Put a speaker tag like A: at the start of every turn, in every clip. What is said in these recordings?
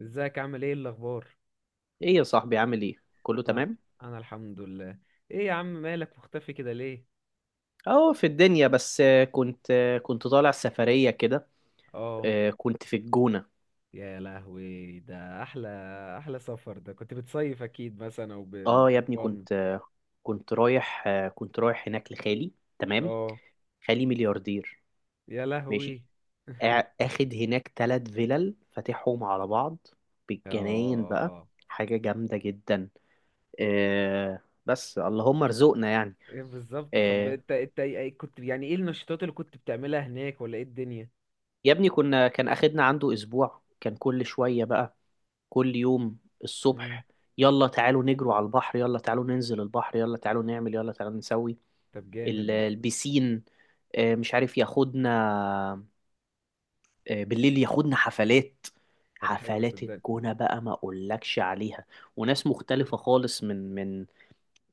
A: ازيك عامل ايه الاخبار؟
B: ايه يا صاحبي عامل ايه؟ كله
A: انا
B: تمام.
A: انا الحمد لله. ايه يا عم مالك مختفي كده ليه؟
B: اه، في الدنيا بس، كنت طالع سفرية كده.
A: اه،
B: كنت في الجونة.
A: يا لهوي ده احلى. احلى سفر ده، كنت بتصيف اكيد مثلا او
B: اه، يا ابني،
A: بتهفن؟
B: كنت آه، كنت رايح آه، كنت رايح هناك لخالي. تمام.
A: اه،
B: خالي ملياردير.
A: يا
B: ماشي.
A: لهوي.
B: اخد هناك 3 فيلل فاتحهم على بعض بالجناين بقى.
A: اه.
B: حاجة جامدة جدا. آه، بس اللهم ارزقنا يعني.
A: ايه بالظبط؟ طب
B: آه،
A: انت إيه كنت، يعني ايه النشاطات اللي كنت بتعملها هناك ولا ايه الدنيا؟
B: يا ابني، كنا كان اخدنا عنده اسبوع، كان كل شوية بقى. كل يوم
A: امم
B: الصبح: يلا تعالوا نجروا على البحر، يلا تعالوا ننزل البحر، يلا تعالوا نعمل، يلا تعالوا نسوي.
A: طب جامد ده.
B: البسين. مش عارف ياخدنا، بالليل ياخدنا حفلات.
A: طب حلو
B: حفلات
A: صدقني.
B: الجونة بقى ما اقولكش عليها. وناس مختلفة خالص من من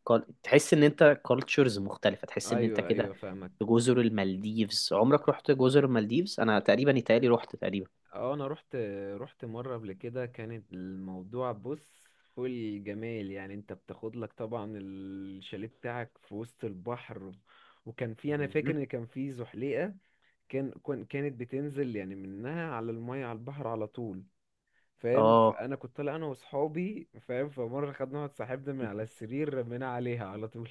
B: كال- تحس ان انت كالتشرز مختلفة، تحس ان انت
A: ايوه
B: كده.
A: ايوه فاهمك.
B: في جزر المالديفز، عمرك رحت جزر المالديفز؟ انا تقريبا يتهيألي رحت تقريبا.
A: اه انا رحت. رحت مره قبل كده، كانت الموضوع بص، فل جمال يعني. انت بتاخد لك طبعا الشاليه بتاعك في وسط البحر، وكان في، انا فاكر
B: مم.
A: ان كان في زحليقه. كانت بتنزل يعني منها على الميه، على البحر على طول، فاهم؟
B: اه.
A: فانا كنت طالع انا واصحابي، فاهم؟ فمره خدنا واحد صاحبنا من على السرير، رمينا عليها على طول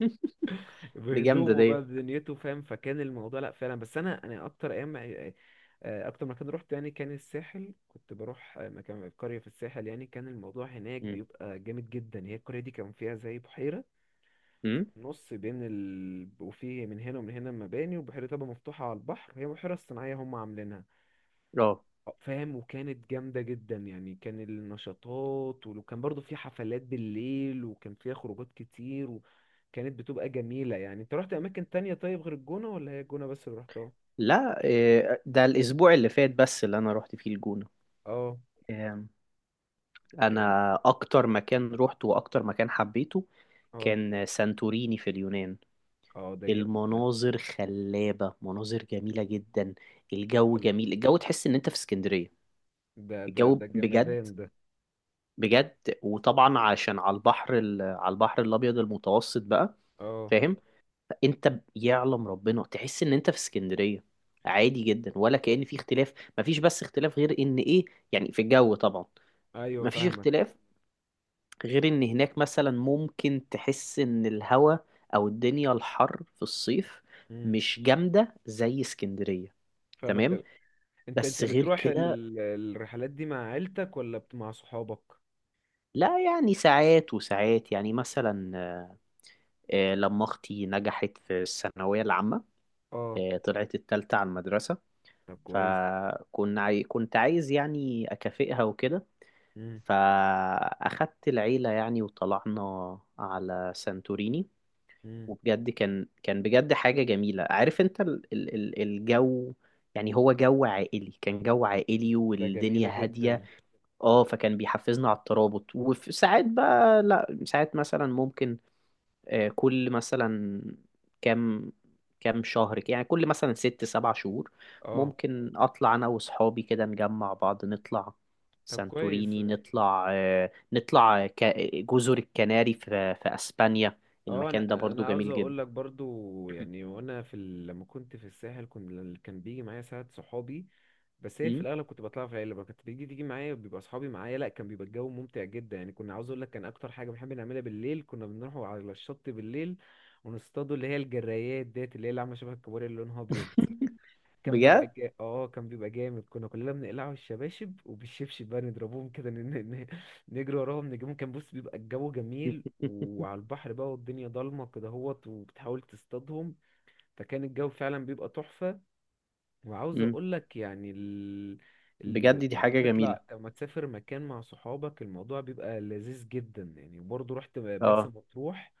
B: دي جامدة
A: بهدومه بقى
B: دي.
A: بدنيته، فاهم؟ فكان الموضوع لا فعلا. بس انا اكتر ايام اكتر مكان رحت يعني كان الساحل. كنت بروح مكان قرية في الساحل، يعني كان الموضوع هناك
B: مم.
A: بيبقى جامد جدا. هي القرية دي كان فيها زي بحيرة في
B: مم.
A: النص، وفي من هنا ومن هنا مباني، والبحيرة طبعا مفتوحة على البحر، وهي بحيرة صناعية هم عاملينها،
B: اه.
A: فاهم؟ وكانت جامدة جدا يعني. كان النشاطات وكان برضو في حفلات بالليل، وكان فيها خروجات كتير، وكانت بتبقى جميلة يعني. انت رحت اماكن تانية طيب غير الجونة، ولا هي الجونة بس اللي رحتها؟
B: لا، إيه، ده الأسبوع اللي فات بس اللي أنا روحت فيه الجونة.
A: اه.
B: إيه،
A: يعني.
B: أنا أكتر مكان روحته وأكتر مكان حبيته
A: اه.
B: كان سانتوريني في اليونان.
A: اه ده جامد ده.
B: المناظر خلابة، مناظر جميلة جدا. الجو
A: حلو.
B: جميل، الجو تحس إن أنت في اسكندرية.
A: ده ده
B: الجو
A: ده
B: بجد،
A: جمدان ده.
B: بجد. وطبعا عشان على البحر، على البحر الأبيض المتوسط بقى.
A: اه.
B: فاهم؟ انت يعلم ربنا تحس ان انت في اسكندرية، عادي جدا، ولا كأن في اختلاف. مفيش، بس اختلاف، غير ان ايه، يعني في الجو طبعا.
A: ايوه
B: مفيش
A: فاهمك.
B: اختلاف غير ان هناك مثلا ممكن تحس ان الهوا، او الدنيا، الحر في الصيف
A: امم.
B: مش جامدة زي اسكندرية.
A: فاهمك.
B: تمام.
A: طب انت
B: بس غير
A: بتروح
B: كده،
A: الرحلات دي مع عيلتك، ولا مع صحابك؟
B: لا، يعني ساعات وساعات، يعني مثلا لما اختي نجحت في الثانوية العامة،
A: اه.
B: طلعت التالتة على المدرسة.
A: طب كويس.
B: فكنت كنت عايز يعني أكافئها وكده،
A: امم.
B: فأخدت العيلة يعني وطلعنا على سانتوريني.
A: امم.
B: وبجد كان بجد حاجة جميلة. عارف انت الجو، يعني هو جو عائلي، كان جو عائلي
A: ده جميلة
B: والدنيا هادية.
A: جدا.
B: اه، فكان بيحفزنا على الترابط. وفي ساعات بقى، لا، ساعات مثلا ممكن كل مثلا كام كام شهر كده، يعني كل مثلا 6 7 شهور.
A: اه.
B: ممكن اطلع انا واصحابي كده، نجمع بعض، نطلع
A: طب كويس.
B: سانتوريني، نطلع جزر الكناري في اسبانيا.
A: اه،
B: المكان ده
A: انا
B: برضو
A: انا عاوز
B: جميل
A: اقول
B: جدا.
A: لك برضو يعني، وانا في لما كنت في الساحل كنت، اللي كان بيجي معايا ساعات صحابي، بس هي في
B: مم.
A: الاغلب كنت بطلع في العيله. ما كانت بيجي تيجي معايا، بيبقى اصحابي معايا. لا، كان بيبقى الجو ممتع جدا يعني. كنا، عاوز اقول لك، كان اكتر حاجه بنحب نعملها بالليل، كنا بنروح على الشط بالليل ونصطادوا اللي هي الجرايات ديت، اللي هي اللي عامله شبه الكابوريا اللي لونها ابيض.
B: بجد.
A: اه كان بيبقى جامد. كنا كلنا بنقلعه الشباشب وبالشبشب بقى نضربوهم كده، نجري وراهم نجيبهم. كان بص بيبقى الجو جميل، وعلى البحر بقى والدنيا ضلمة كده، هوت وبتحاول تصطادهم. فكان الجو فعلا بيبقى تحفة. وعاوز
B: مم.
A: اقول لك يعني
B: بجد، دي
A: يعني
B: حاجة جميلة.
A: تطلع لما تسافر مكان مع صحابك، الموضوع بيبقى لذيذ جدا يعني. وبرضه رحت مرسى
B: اه.
A: مطروح.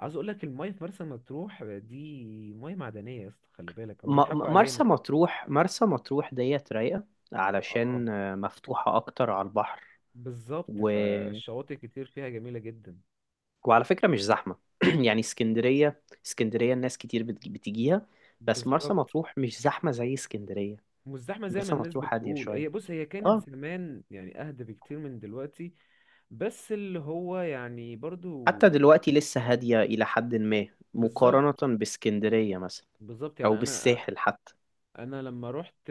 A: عاوز اقول لك، المايه في مرسى مطروح دي مايه معدنيه يا اسطى، خلي بالك ما
B: م-
A: بيضحكوا
B: م- مرسى
A: علينا.
B: مطروح مرسى مطروح ديت رايقة،
A: اه
B: علشان مفتوحة اكتر على البحر.
A: بالظبط، فالشواطئ كتير فيها جميلة جدا.
B: وعلى فكرة مش زحمة. يعني اسكندرية، الناس كتير بتجيها. بس مرسى
A: بالظبط.
B: مطروح مش زحمة زي اسكندرية.
A: مش زحمة زي ما
B: مرسى
A: الناس
B: مطروح هادية
A: بتقول.
B: شوية.
A: هي بص، هي كانت
B: اه.
A: زمان يعني أهدى بكتير من دلوقتي، بس اللي هو يعني برضو.
B: حتى دلوقتي لسه هادية إلى حد ما،
A: بالظبط.
B: مقارنة باسكندرية مثلا،
A: بالظبط
B: أو
A: يعني. أنا،
B: بالساحل حتى.
A: أنا لما رحت،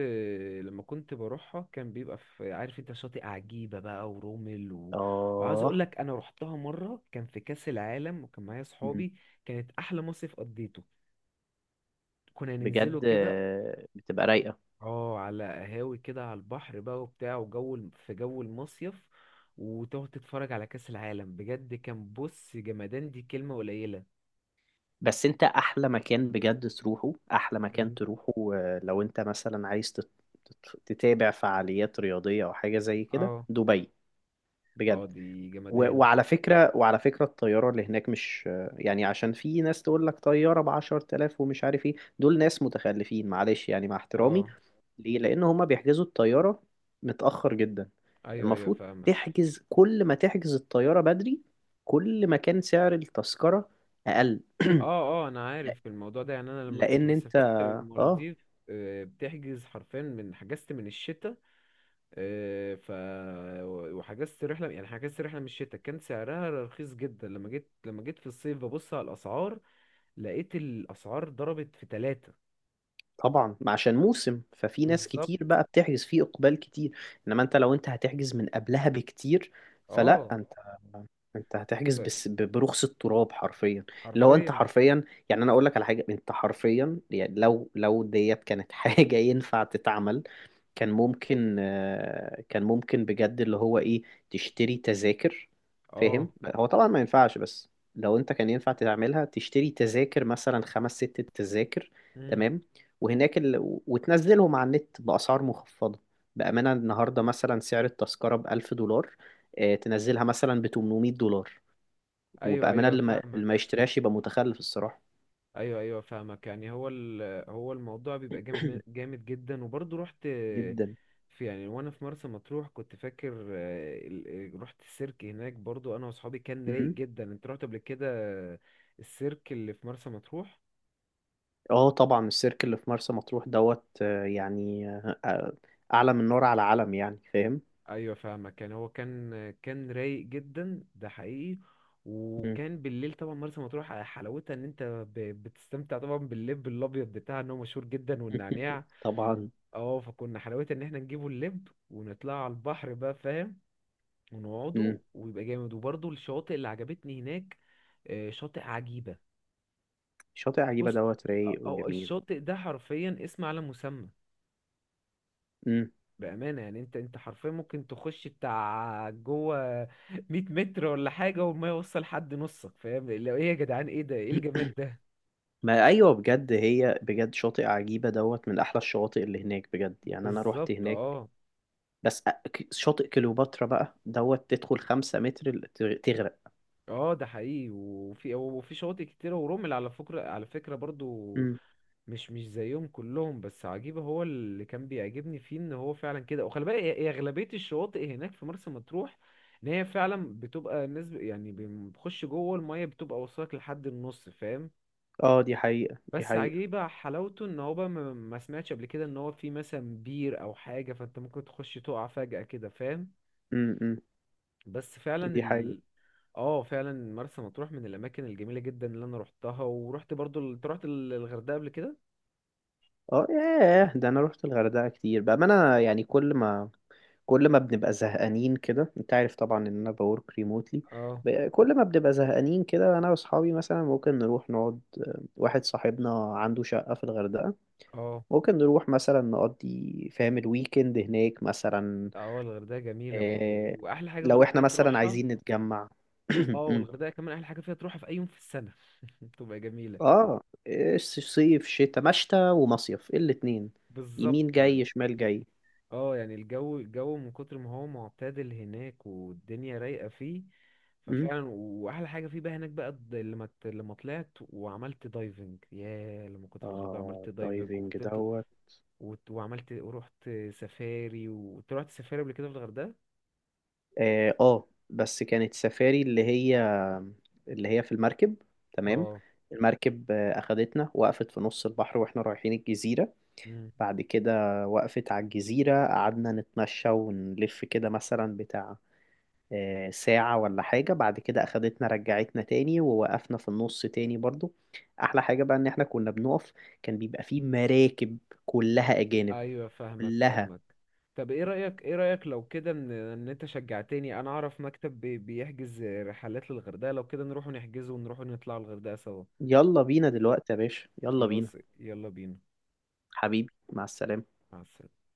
A: لما كنت بروحها، كان بيبقى في، عارف أنت، شاطئ عجيبة بقى ورومل وعاوز أقول
B: اه.
A: لك، أنا رحتها مرة كان في كأس العالم وكان معايا
B: مم.
A: صحابي، كانت أحلى مصيف قضيته. كنا ننزله
B: بجد
A: كده
B: بتبقى رايقة.
A: اه، على قهاوي كده على البحر بقى وبتاع، وجو في جو المصيف، وتقعد تتفرج على كأس العالم. بجد كان بص جمدان، دي كلمة قليلة.
B: بس انت احلى مكان بجد تروحه، احلى مكان
A: مم.
B: تروحه، لو انت مثلا عايز تتابع فعاليات رياضية او حاجة زي كده:
A: اه.
B: دبي. بجد.
A: اه دي
B: و-
A: جمدان.
B: وعلى فكرة وعلى فكرة الطيارة اللي هناك، مش يعني، عشان في ناس تقول لك طيارة بـ10 تلاف، ومش عارف ايه دول، ناس متخلفين، معلش يعني، مع احترامي.
A: اه.
B: ليه؟ لأن هما بيحجزوا الطيارة متأخر جدا.
A: ايوه ايوه
B: المفروض
A: فاهمك.
B: تحجز، كل ما تحجز الطيارة بدري، كل ما كان سعر التذكرة أقل.
A: اه اه انا عارف الموضوع ده يعني. انا لما كنت
B: لأن أنت.
A: بسافرت
B: اه.
A: للمالديف، بتحجز حرفيا، من حجزت من الشتاء. آه، ف وحجزت رحله، يعني حجزت رحله من الشتاء كان سعرها رخيص جدا. لما جيت، لما جيت في الصيف ببص على الاسعار، لقيت الاسعار ضربت في ثلاثة.
B: طبعا، ما عشان موسم، ففي ناس
A: بالظبط.
B: كتير بقى بتحجز فيه، اقبال كتير. انما انت، لو انت هتحجز من قبلها بكتير، فلا
A: اه.
B: انت هتحجز
A: ف-
B: بس برخص التراب حرفيا، اللي هو انت
A: حرفيا.
B: حرفيا. يعني انا اقول لك على حاجه، انت حرفيا، يعني لو ديت كانت حاجه ينفع تتعمل، كان ممكن بجد اللي هو ايه، تشتري تذاكر.
A: اه.
B: فاهم؟ هو طبعا ما ينفعش، بس لو انت كان ينفع تعملها، تشتري تذاكر مثلا 5 6 تذاكر.
A: امم.
B: تمام. وهناك ال... وتنزلهم على النت بأسعار مخفضة. بأمانة النهاردة مثلا سعر التذكرة بـ1000 دولار، تنزلها مثلا بـ800 دولار.
A: ايوه
B: وبأمانة،
A: ايوه
B: اللي ما
A: فاهمك.
B: يشتريهاش يبقى متخلف الصراحة.
A: ايوه ايوه فاهمك يعني هو هو الموضوع بيبقى جامد، جامد جدا. وبرضه رحت
B: جدا.
A: في يعني، وانا في مرسى مطروح كنت فاكر، رحت السيرك هناك برضه انا واصحابي، كان رايق جدا. انت رحت قبل كده السيرك اللي في مرسى مطروح؟
B: اه، طبعا السيرك اللي في مرسى مطروح دوت، اعلى من نار على علم يعني. فاهم؟
A: ايوه فاهمك. كان هو كان رايق جدا ده حقيقي.
B: مم.
A: وكان بالليل طبعا مرسى مطروح حلاوتها ان انت بتستمتع طبعا باللب الابيض بتاعها، ان هو مشهور جدا، والنعناع.
B: طبعا.
A: اه، فكنا حلاوتها ان احنا نجيبه اللب ونطلع على البحر بقى، فاهم؟
B: مم.
A: ونقعده ويبقى جامد. وبرضه الشواطئ اللي عجبتني هناك شاطئ عجيبة.
B: شاطئ عجيبة
A: بص،
B: دوت رايق
A: أو
B: وجميل.
A: الشاطئ ده حرفيا اسم على مسمى.
B: مم.
A: بأمانة يعني، انت حرفيا ممكن تخش بتاع جوه 100 متر ولا حاجة وما يوصل حد نصك، فاهم؟ لو، ايه يا جدعان، ايه ده، ايه الجمال ده؟
B: ما ايوه، بجد، هي بجد شاطئ عجيبة دوت من احلى الشواطئ اللي هناك، بجد يعني انا روحت
A: بالظبط.
B: هناك.
A: اه.
B: بس شاطئ كليوباترا بقى دوت تدخل 5 متر تغرق.
A: اه ده حقيقي. وفي، وفي شواطئ كتيرة ورمل على فكرة، على فكرة برضو،
B: مم.
A: مش، مش زيهم كلهم، بس عجيبة هو اللي كان بيعجبني فيه ان هو فعلا كده. وخلي بالك هي أغلبية الشواطئ هناك في مرسى مطروح، ان هي فعلا بتبقى الناس يعني بتخش جوه المية، بتبقى وصلك لحد النص، فاهم؟
B: اه، دي حقيقة، دي
A: بس
B: حقيقة.
A: عجيبة حلاوته ان هو بقى ما سمعتش قبل كده ان هو في مثلا بير او حاجة، فانت ممكن تخش تقع فجأة كده، فاهم؟
B: مم. مم.
A: بس فعلا
B: دي حقيقة.
A: ال، اه فعلا مرسى مطروح من الاماكن الجميلة جدا اللي انا روحتها. ورحت برضو انت رحت الغردقة قبل كده؟
B: اه، ياه، ده انا روحت الغردقة كتير بقى. ما انا يعني كل ما بنبقى زهقانين كده، انت عارف طبعا ان انا بورك ريموتلي.
A: اه.
B: كل ما بنبقى زهقانين كده، انا واصحابي مثلا ممكن نروح نقعد. واحد صاحبنا عنده شقة في الغردقة،
A: اه.
B: ممكن نروح مثلا نقضي، فاهم، الويكند هناك مثلا.
A: اه الغردقة جميلة برضو.
B: اه.
A: واحلى حاجة في
B: لو احنا
A: الغردقة
B: مثلا
A: تروحها،
B: عايزين نتجمع.
A: اه، والغردقة كمان احلى حاجة فيها تروحها في اي يوم في السنة، تبقى جميلة.
B: اه. إيه، صيف شتاء، مشتى ومصيف الاتنين، يمين
A: بالظبط.
B: جاي شمال جاي.
A: اه، يعني الجو، الجو من كتر ما هو معتدل هناك والدنيا رايقة فيه،
B: م؟
A: ففعلا. واحلى حاجة فيه بقى هناك بقى لما طلعت وعملت دايفنج. ياه لما كنت في الغردقة
B: اه،
A: عملت دايفنج
B: الدايفنج
A: وتطلع
B: دوت.
A: وعملت ورحت سفاري، ورحت سفاري قبل كده في الغردقة.
B: اه. بس كانت سفاري اللي هي في المركب. تمام.
A: اه.
B: المركب أخدتنا، وقفت في نص البحر واحنا رايحين الجزيرة.
A: مم.
B: بعد كده وقفت على الجزيرة، قعدنا نتمشى ونلف كده مثلا، بتاع ساعة ولا حاجة. بعد كده أخدتنا، رجعتنا تاني ووقفنا في النص تاني برضو. أحلى حاجة بقى إن احنا كنا بنقف. كان بيبقى فيه مراكب كلها أجانب،
A: ايوه فاهمك
B: كلها.
A: فاهمك. طب ايه رأيك، ايه رأيك لو كده، ان انت شجعتني، انا اعرف مكتب بيحجز رحلات للغردقة، لو كده نروح نحجزه ونروح نطلع الغردقة سوا؟
B: يلا بينا دلوقتي يا باشا، يلا بينا.
A: خلاص يلا بينا.
B: حبيبي، مع السلامة.
A: مع السلامة.